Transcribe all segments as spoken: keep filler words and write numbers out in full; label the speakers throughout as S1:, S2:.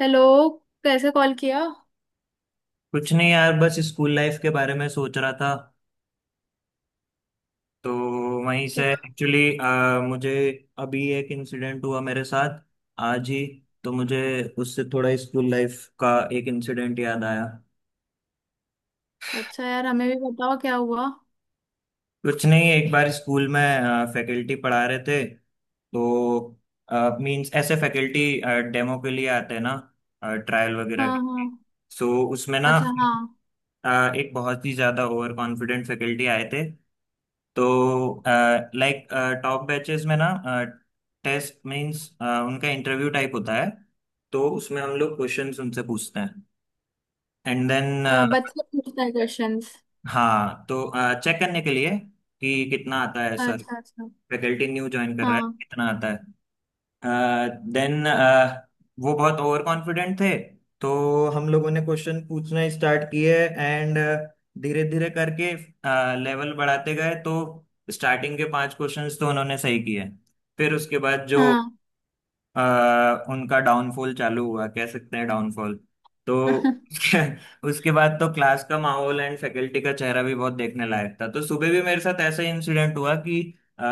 S1: Hello. कैसे call किया?
S2: कुछ नहीं यार, बस स्कूल लाइफ के बारे में सोच रहा था। तो वहीं से
S1: क्या?
S2: एक्चुअली मुझे अभी एक इंसिडेंट हुआ मेरे साथ आज ही। तो मुझे उससे थोड़ा स्कूल लाइफ का एक इंसिडेंट याद आया।
S1: अच्छा यार, हमें भी बताओ क्या हुआ।
S2: कुछ नहीं, एक बार स्कूल में फैकल्टी पढ़ा रहे थे। तो मींस ऐसे फैकल्टी डेमो के लिए आते हैं ना, ट्रायल वगैरह के
S1: हाँ,
S2: लिए।
S1: हाँ।
S2: सो उसमें ना,
S1: अच्छा, हाँ।
S2: अ, एक बहुत ही ज्यादा ओवर कॉन्फिडेंट फैकल्टी आए थे। तो लाइक टॉप बैचेस में ना टेस्ट मींस उनका इंटरव्यू टाइप होता है। तो उसमें हम लोग क्वेश्चंस उनसे पूछते हैं एंड देन।
S1: अ, बच्चा पूछता है क्वेश्चंस?
S2: हाँ तो चेक करने के लिए कि कितना आता है सर,
S1: अच्छा, अच्छा।
S2: फैकल्टी न्यू ज्वाइन कर रहा है,
S1: हाँ।
S2: कितना आता है। देन वो बहुत ओवर कॉन्फिडेंट थे। तो हम लोगों ने क्वेश्चन पूछना स्टार्ट किए एंड धीरे धीरे करके लेवल बढ़ाते गए। तो स्टार्टिंग के पांच क्वेश्चंस तो उन्होंने सही किए। फिर उसके बाद जो
S1: हाँ।
S2: अ, उनका डाउनफॉल चालू हुआ, कह सकते हैं डाउनफॉल। तो उसके उसके बाद तो क्लास का माहौल एंड फैकल्टी का चेहरा भी बहुत देखने लायक था। तो सुबह भी मेरे साथ ऐसा ही इंसिडेंट हुआ कि अ,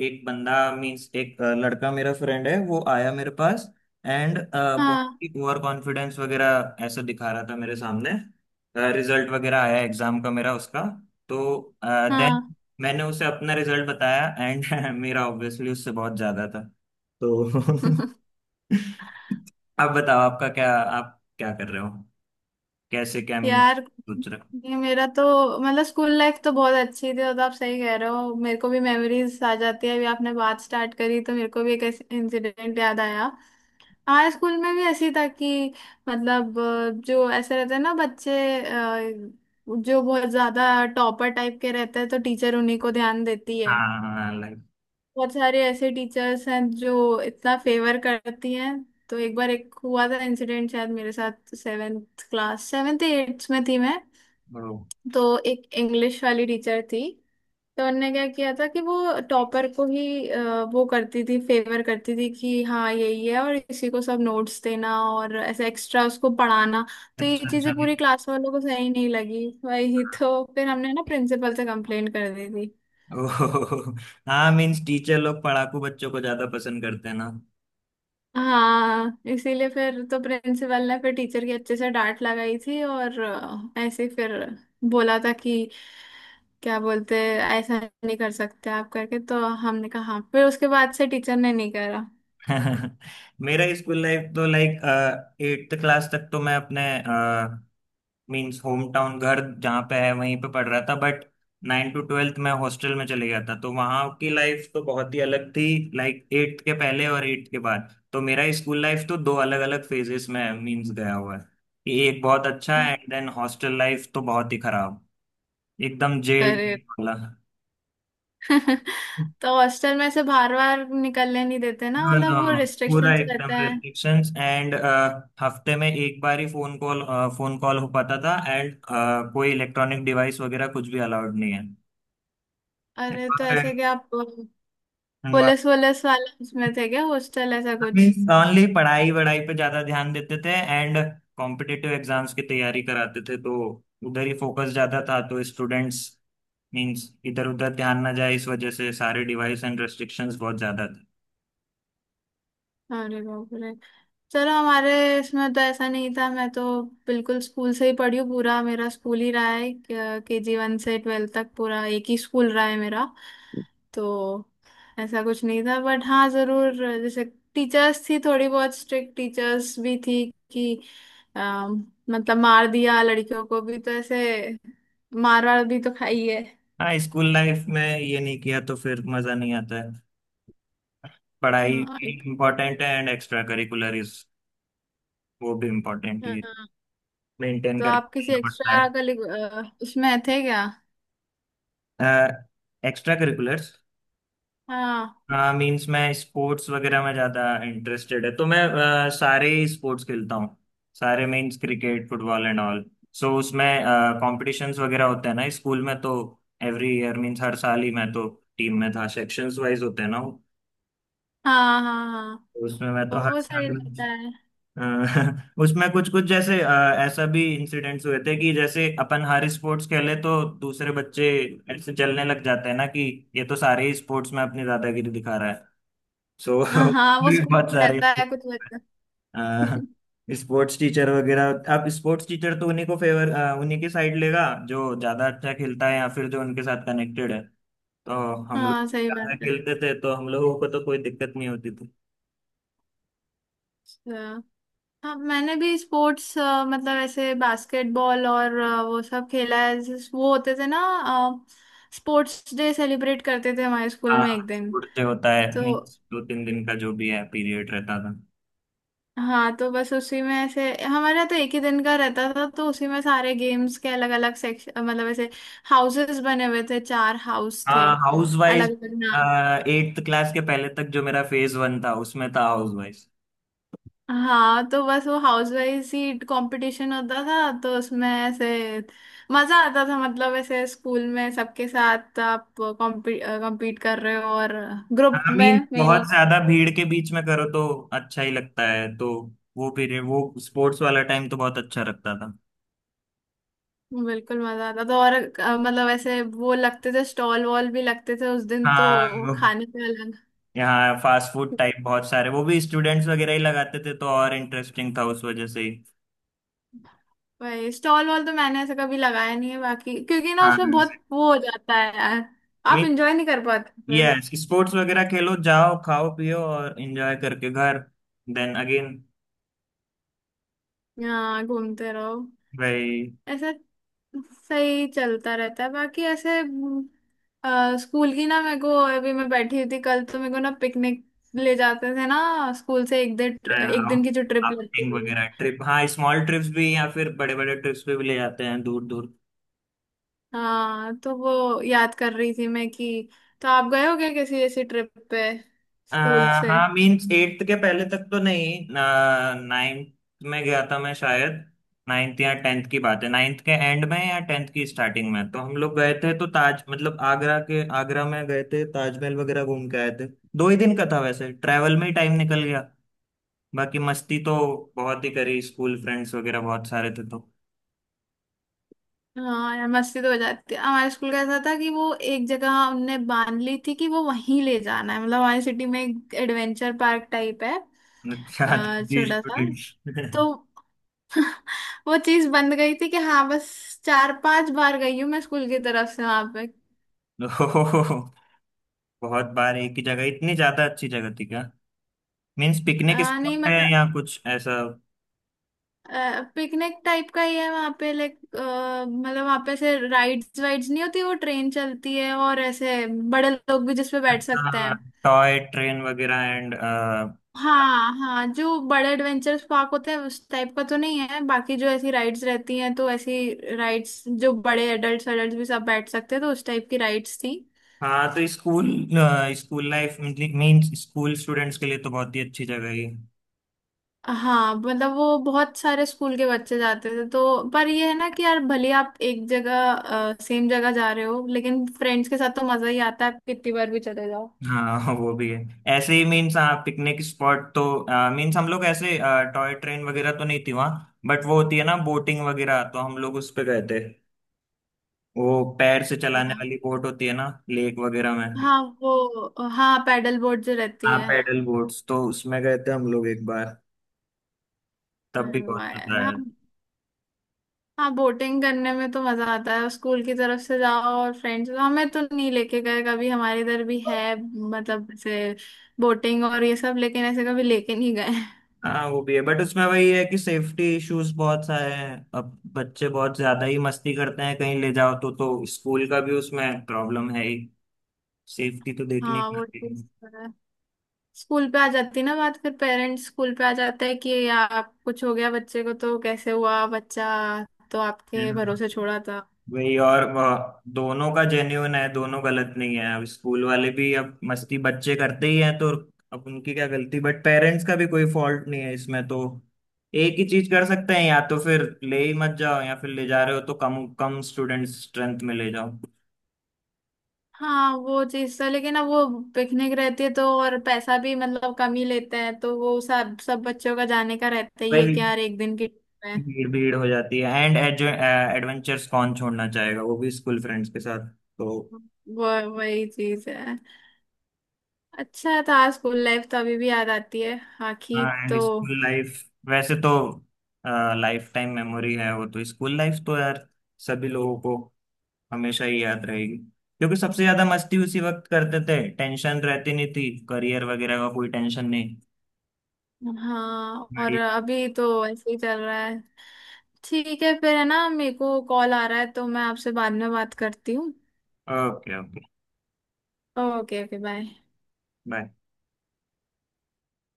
S2: एक बंदा मीन्स एक अ, लड़का मेरा फ्रेंड है, वो आया मेरे पास एंड बहुत
S1: हाँ।
S2: ही ओवर कॉन्फिडेंस वगैरह ऐसा दिखा रहा था मेरे सामने। रिजल्ट वगैरह आया एग्जाम का, मेरा उसका। तो देन
S1: हाँ।
S2: मैंने उसे अपना रिजल्ट बताया एंड मेरा ऑब्वियसली उससे बहुत ज्यादा था। तो अब बताओ आपका क्या, आप क्या कर रहे हो, कैसे क्या मीन
S1: यार,
S2: सोच रहे हो।
S1: ये मेरा तो मतलब स्कूल लाइफ तो बहुत अच्छी थी। और तो आप सही कह रहे हो, मेरे को भी मेमोरीज आ जाती है। अभी आपने बात स्टार्ट करी तो मेरे को भी एक इंसिडेंट याद आया। हाँ, स्कूल में भी ऐसी था कि मतलब अ, जो ऐसे रहते हैं ना बच्चे, अ, जो बहुत ज्यादा टॉपर टाइप के रहते हैं तो टीचर उन्हीं को ध्यान देती है।
S2: हाँ, लाइक,
S1: बहुत सारे ऐसे टीचर्स हैं जो इतना फेवर करती हैं। तो एक बार एक हुआ था इंसिडेंट, शायद मेरे साथ सेवेंथ क्लास, सेवेंथ एट्थ में थी मैं।
S2: ओ,
S1: तो एक इंग्लिश वाली टीचर थी। तो उनने क्या किया था कि वो टॉपर को ही अ, वो करती थी, फेवर करती थी कि हाँ यही है और इसी को सब नोट्स देना और ऐसा एक्स्ट्रा उसको पढ़ाना। तो ये
S2: अच्छा अच्छा।
S1: चीजें पूरी क्लास वालों को सही नहीं लगी, वही तो फिर हमने ना प्रिंसिपल से कंप्लेंट कर दी थी।
S2: ओह, हाँ मीन्स टीचर लोग पढ़ाकू बच्चों को ज्यादा पसंद करते हैं ना।
S1: हाँ, इसीलिए फिर तो प्रिंसिपल ने फिर टीचर की अच्छे से डांट लगाई थी और अ, ऐसे ही फिर बोला था कि क्या बोलते, ऐसा नहीं कर सकते आप करके, तो हमने कहा हाँ। फिर उसके बाद से टीचर ने नहीं करा।
S2: मेरा स्कूल लाइफ तो लाइक एट्थ क्लास तक तो मैं अपने मीन्स होम टाउन घर जहाँ पे है वहीं पे पढ़ रहा था। बट नाइन टू ट्वेल्थ मैं हॉस्टल में चले गया था। तो वहाँ की लाइफ तो बहुत ही अलग थी। लाइक एट्थ के पहले और एट्थ के बाद तो मेरा स्कूल लाइफ तो दो अलग अलग फेजेस में मीन्स गया हुआ है कि एक बहुत अच्छा है एंड देन हॉस्टल लाइफ तो बहुत ही खराब, एकदम जेल
S1: अरे!
S2: वाला।
S1: तो हॉस्टल में से बाहर बाहर निकलने नहीं देते ना,
S2: नो
S1: मतलब वो
S2: नो, पूरा
S1: रिस्ट्रिक्शंस रहते
S2: एकदम
S1: हैं।
S2: रेस्ट्रिक्शंस एंड हफ्ते में एक बार ही फोन कॉल फोन कॉल हो पाता था। एंड कोई इलेक्ट्रॉनिक डिवाइस वगैरह कुछ भी अलाउड नहीं
S1: अरे, तो ऐसे
S2: है।
S1: क्या आप पुलिस वुलिस वाले उसमें थे क्या, हॉस्टल ऐसा कुछ?
S2: मीन्स ओनली पढ़ाई वढ़ाई पे ज्यादा ध्यान देते थे एंड कॉम्पिटिटिव एग्जाम्स की तैयारी कराते थे। तो उधर ही फोकस ज्यादा था। तो स्टूडेंट्स मीन्स इधर उधर ध्यान ना जाए इस वजह से सारे डिवाइस एंड रेस्ट्रिक्शंस बहुत ज्यादा थे।
S1: अरे बाप रे। चलो, हमारे इसमें तो ऐसा नहीं था, मैं तो बिल्कुल स्कूल से ही पढ़ी हूँ, पूरा मेरा स्कूल ही रहा है। के जी वन से ट्वेल्थ तक पूरा एक ही स्कूल रहा है मेरा। तो ऐसा कुछ नहीं था बट हाँ ज़रूर, जैसे टीचर्स थी, थोड़ी बहुत स्ट्रिक्ट टीचर्स भी थी कि अम, मतलब मार दिया लड़कियों को भी, तो ऐसे मार वार भी तो खाई है।
S2: हाँ, स्कूल लाइफ में ये नहीं किया तो फिर मजा नहीं आता है। पढ़ाई
S1: हाँ।
S2: भी इम्पोर्टेंट है एंड एक्स्ट्रा करिकुलर इज, वो भी इम्पोर्टेंट ही,
S1: हाँ।
S2: मेंटेन
S1: तो आप
S2: करके
S1: किसी
S2: चलना पड़ता
S1: एक्स्ट्रा उसमें थे क्या?
S2: है। एक्स्ट्रा करिकुलर्स,
S1: हाँ,
S2: हाँ मीन्स मैं स्पोर्ट्स वगैरह में ज़्यादा इंटरेस्टेड है। तो मैं अ, सारे ही स्पोर्ट्स खेलता हूँ। सारे means cricket football and all. So उसमें कॉम्पिटिशन्स वगैरह होते हैं ना स्कूल में। तो एवरी ईयर मीन्स हर साल ही मैं तो टीम में था। सेक्शंस वाइज होते हैं ना वो।
S1: हाँ, हाँ। हाँ,
S2: तो उसमें मैं तो हर
S1: वो सही
S2: साल
S1: रहता है।
S2: अ, उसमें कुछ कुछ जैसे, अ, ऐसा भी इंसिडेंट्स हुए थे कि जैसे अपन हर स्पोर्ट्स खेले तो दूसरे बच्चे ऐसे जलने लग जाते हैं ना कि ये तो सारे ही स्पोर्ट्स में अपनी दादागिरी दिखा। सो
S1: हाँ, हाँ। वो स्कूल
S2: बहुत सारे
S1: रहता है कुछ बच्चा।
S2: स्पोर्ट्स टीचर वगैरह, अब स्पोर्ट्स टीचर तो उन्हीं को फेवर, उन्हीं की साइड लेगा जो ज्यादा अच्छा खेलता है या फिर जो उनके साथ कनेक्टेड है। तो हम लोग
S1: हाँ, सही
S2: ज्यादा
S1: बात है।
S2: खेलते थे तो हम लोगों को तो कोई दिक्कत नहीं होती थी।
S1: अच्छा। हाँ, मैंने भी स्पोर्ट्स मतलब ऐसे बास्केटबॉल और अ, वो सब खेला है जिस- वो होते थे ना स्पोर्ट्स डे, सेलिब्रेट करते थे हमारे स्कूल
S2: हाँ,
S1: में एक दिन।
S2: स्पोर्ट्स डे होता है
S1: तो
S2: नहीं, दो तीन दिन का जो भी है पीरियड रहता था।
S1: हाँ, तो बस उसी में ऐसे हमारा तो एक ही दिन का रहता था, तो उसी में सारे गेम्स के अलग अलग सेक्शन मतलब ऐसे हाउसेस बने हुए थे, चार हाउस थे
S2: हाँ, हाउस वाइज,
S1: अलग अलग।
S2: एट्थ क्लास के पहले तक जो मेरा फेज वन था उसमें था हाउस वाइज।
S1: हाँ, तो बस वो हाउस वाइज ही कंपटीशन होता था। तो उसमें ऐसे मजा आता था, मतलब ऐसे स्कूल में सबके साथ आप कॉम्पीट कर रहे हो और ग्रुप
S2: आई मीन
S1: में
S2: बहुत
S1: मेनली।
S2: ज्यादा भीड़ के बीच में करो तो अच्छा ही लगता है। तो वो पीरियड वो स्पोर्ट्स वाला टाइम तो बहुत अच्छा लगता था।
S1: बिल्कुल मजा आता था, और अ, मतलब ऐसे वो लगते थे स्टॉल वॉल भी लगते थे उस दिन
S2: हाँ
S1: तो,
S2: वो,
S1: खाने पे अलग।
S2: यहाँ फास्ट फूड टाइप बहुत सारे वो भी स्टूडेंट्स वगैरह ही लगाते थे। तो और इंटरेस्टिंग था उस वजह से ही।
S1: भाई स्टॉल वॉल तो मैंने ऐसे कभी लगाया नहीं है बाकी, क्योंकि ना
S2: हाँ
S1: उसमें बहुत वो हो जाता है यार, आप
S2: मीन,
S1: इंजॉय नहीं कर पाते फिर।
S2: यस स्पोर्ट्स वगैरह खेलो, जाओ खाओ पियो और एंजॉय करके घर, देन अगेन
S1: हाँ, घूमते रहो।
S2: भाई।
S1: ऐसा सही चलता रहता है बाकी ऐसे हम्म, अ, स्कूल की ना मेरे को, अभी मैं बैठी हुई थी कल तो मेरे को ना पिकनिक ले जाते थे ना स्कूल से, एक दिन, एक दिन की जो ट्रिप लगती
S2: आउटिंग
S1: थी।
S2: वगैरह ट्रिप, हाँ स्मॉल ट्रिप्स भी या फिर बड़े बड़े ट्रिप्स पे भी ले जाते हैं दूर दूर।
S1: हाँ तो वो याद कर रही थी मैं कि तो आप गए हो क्या किसी ऐसी ट्रिप पे
S2: अ,
S1: स्कूल से?
S2: हाँ मीन्स एट्थ के पहले तक तो नहीं, नाइन्थ में गया था मैं शायद। नाइन्थ या टेंथ की बात है, नाइन्थ के एंड में या टेंथ की स्टार्टिंग में तो हम लोग गए थे। तो ताज मतलब आगरा के, आगरा में गए थे, ताजमहल वगैरह घूम के आए थे। दो ही दिन का था, वैसे ट्रैवल में ही टाइम निकल गया, बाकी मस्ती तो बहुत ही करी, स्कूल फ्रेंड्स वगैरह बहुत सारे थे तो
S1: हाँ यार, मस्ती तो हो जाती है। हमारे स्कूल का ऐसा था कि वो एक जगह हमने बांध ली थी कि वो वहीं ले जाना है, मतलब हमारी सिटी में एक एडवेंचर पार्क टाइप है,
S2: अच्छा,
S1: अ, छोटा सा।
S2: स्टूडेंट्स,
S1: तो वो चीज बंद गई थी कि हाँ बस, चार पांच बार गई हूँ मैं स्कूल की तरफ से वहां पे।
S2: ओहो, बहुत बार एक ही जगह, इतनी ज्यादा अच्छी जगह थी क्या? मीन्स पिकनिक
S1: आ, नहीं
S2: स्पॉट है
S1: मतलब
S2: या कुछ ऐसा?
S1: पिकनिक टाइप का ही है वहां पे, लाइक मतलब वहां पे ऐसे राइड्स वाइड्स नहीं होती, वो ट्रेन चलती है और ऐसे बड़े लोग भी जिसपे बैठ सकते
S2: हाँ,
S1: हैं।
S2: टॉय ट्रेन वगैरह एंड,
S1: हाँ, हाँ, जो बड़े एडवेंचर्स पार्क होते हैं उस टाइप का तो नहीं है, बाकी जो ऐसी राइड्स रहती हैं, तो ऐसी राइड्स जो बड़े एडल्ट्स, एडल्ट्स भी सब बैठ सकते हैं, तो उस टाइप की राइड्स थी।
S2: हाँ तो school school life means school students के लिए तो बहुत ही अच्छी जगह है ये।
S1: हाँ मतलब वो बहुत सारे स्कूल के बच्चे जाते थे तो, पर ये है ना कि यार भले आप एक जगह सेम जगह जा रहे हो लेकिन फ्रेंड्स के साथ तो मजा ही आता है, आप कितनी बार भी चले जाओ।
S2: हाँ वो भी है, ऐसे ही मीन्स, हाँ पिकनिक स्पॉट तो मीन्स हम लोग ऐसे, टॉय ट्रेन वगैरह तो नहीं थी वहाँ, बट वो होती है ना बोटिंग वगैरह, तो हम लोग उस पे गए थे। वो पैर से चलाने
S1: हाँ।
S2: वाली बोट होती है ना लेक वगैरह में।
S1: हाँ, वो हाँ, पैडल बोट जो रहती
S2: हाँ
S1: है।
S2: पैडल बोट्स, तो उसमें गए थे हम लोग एक बार, तब भी
S1: अरे
S2: बहुत
S1: वाह
S2: मजा
S1: यार। हाँ।
S2: आया।
S1: हाँ, बोटिंग करने में तो मजा आता है, स्कूल की तरफ से जाओ और फ्रेंड्स, हमें तो नहीं लेके गए कभी, हमारे इधर भी है मतलब ऐसे बोटिंग और ये सब, लेकिन ऐसे कभी लेके नहीं गए।
S2: हाँ वो भी है, बट उसमें वही है कि सेफ्टी इश्यूज बहुत सारे हैं, अब बच्चे बहुत ज्यादा ही मस्ती करते हैं कहीं ले जाओ तो तो स्कूल का भी उसमें प्रॉब्लम है ही, सेफ्टी तो देखने
S1: हाँ,
S2: की
S1: वो
S2: आती
S1: स्कूल पे आ जाती ना बात, फिर पेरेंट्स स्कूल पे आ जाता है कि या आप कुछ हो गया बच्चे को तो कैसे हुआ बच्चा, तो
S2: है।
S1: आपके
S2: हाँ।
S1: भरोसे छोड़ा था।
S2: वही और वह दोनों का जेन्यून है, दोनों गलत नहीं है। अब स्कूल वाले भी, अब मस्ती बच्चे करते ही हैं तो अब उनकी क्या गलती, बट पेरेंट्स का भी कोई फॉल्ट नहीं है इसमें। तो एक ही चीज कर सकते हैं, या तो फिर ले ही मत जाओ, या फिर ले जा रहे हो तो कम कम स्टूडेंट स्ट्रेंथ में ले जाओ।
S1: हाँ, वो चीज तो, लेकिन अब वो पिकनिक रहती है तो, और पैसा भी मतलब कम ही लेते हैं, तो वो सब, सब बच्चों का जाने का रहता ही है
S2: वही,
S1: कि यार एक दिन की trip है।
S2: भीड़ भीड़ हो जाती है एंड एडवेंचर्स कौन छोड़ना चाहेगा, वो भी स्कूल फ्रेंड्स के साथ तो।
S1: वो वही चीज है। अच्छा था स्कूल लाइफ, तो अभी भी याद आती है
S2: हाँ
S1: आखिर
S2: एंड
S1: तो।
S2: स्कूल लाइफ वैसे तो लाइफ टाइम मेमोरी है, वो तो स्कूल लाइफ तो यार सभी लोगों को हमेशा ही याद रहेगी, क्योंकि सबसे ज्यादा मस्ती उसी वक्त करते थे, टेंशन रहती नहीं थी, करियर वगैरह का कोई टेंशन नहीं।
S1: हाँ, और
S2: बढ़िया,
S1: अभी तो ऐसे ही चल रहा है। ठीक है फिर, है ना? मेरे को कॉल आ रहा है, तो मैं आपसे बाद में बात करती हूँ।
S2: Okay okay
S1: okay, okay. Bye.
S2: Bye.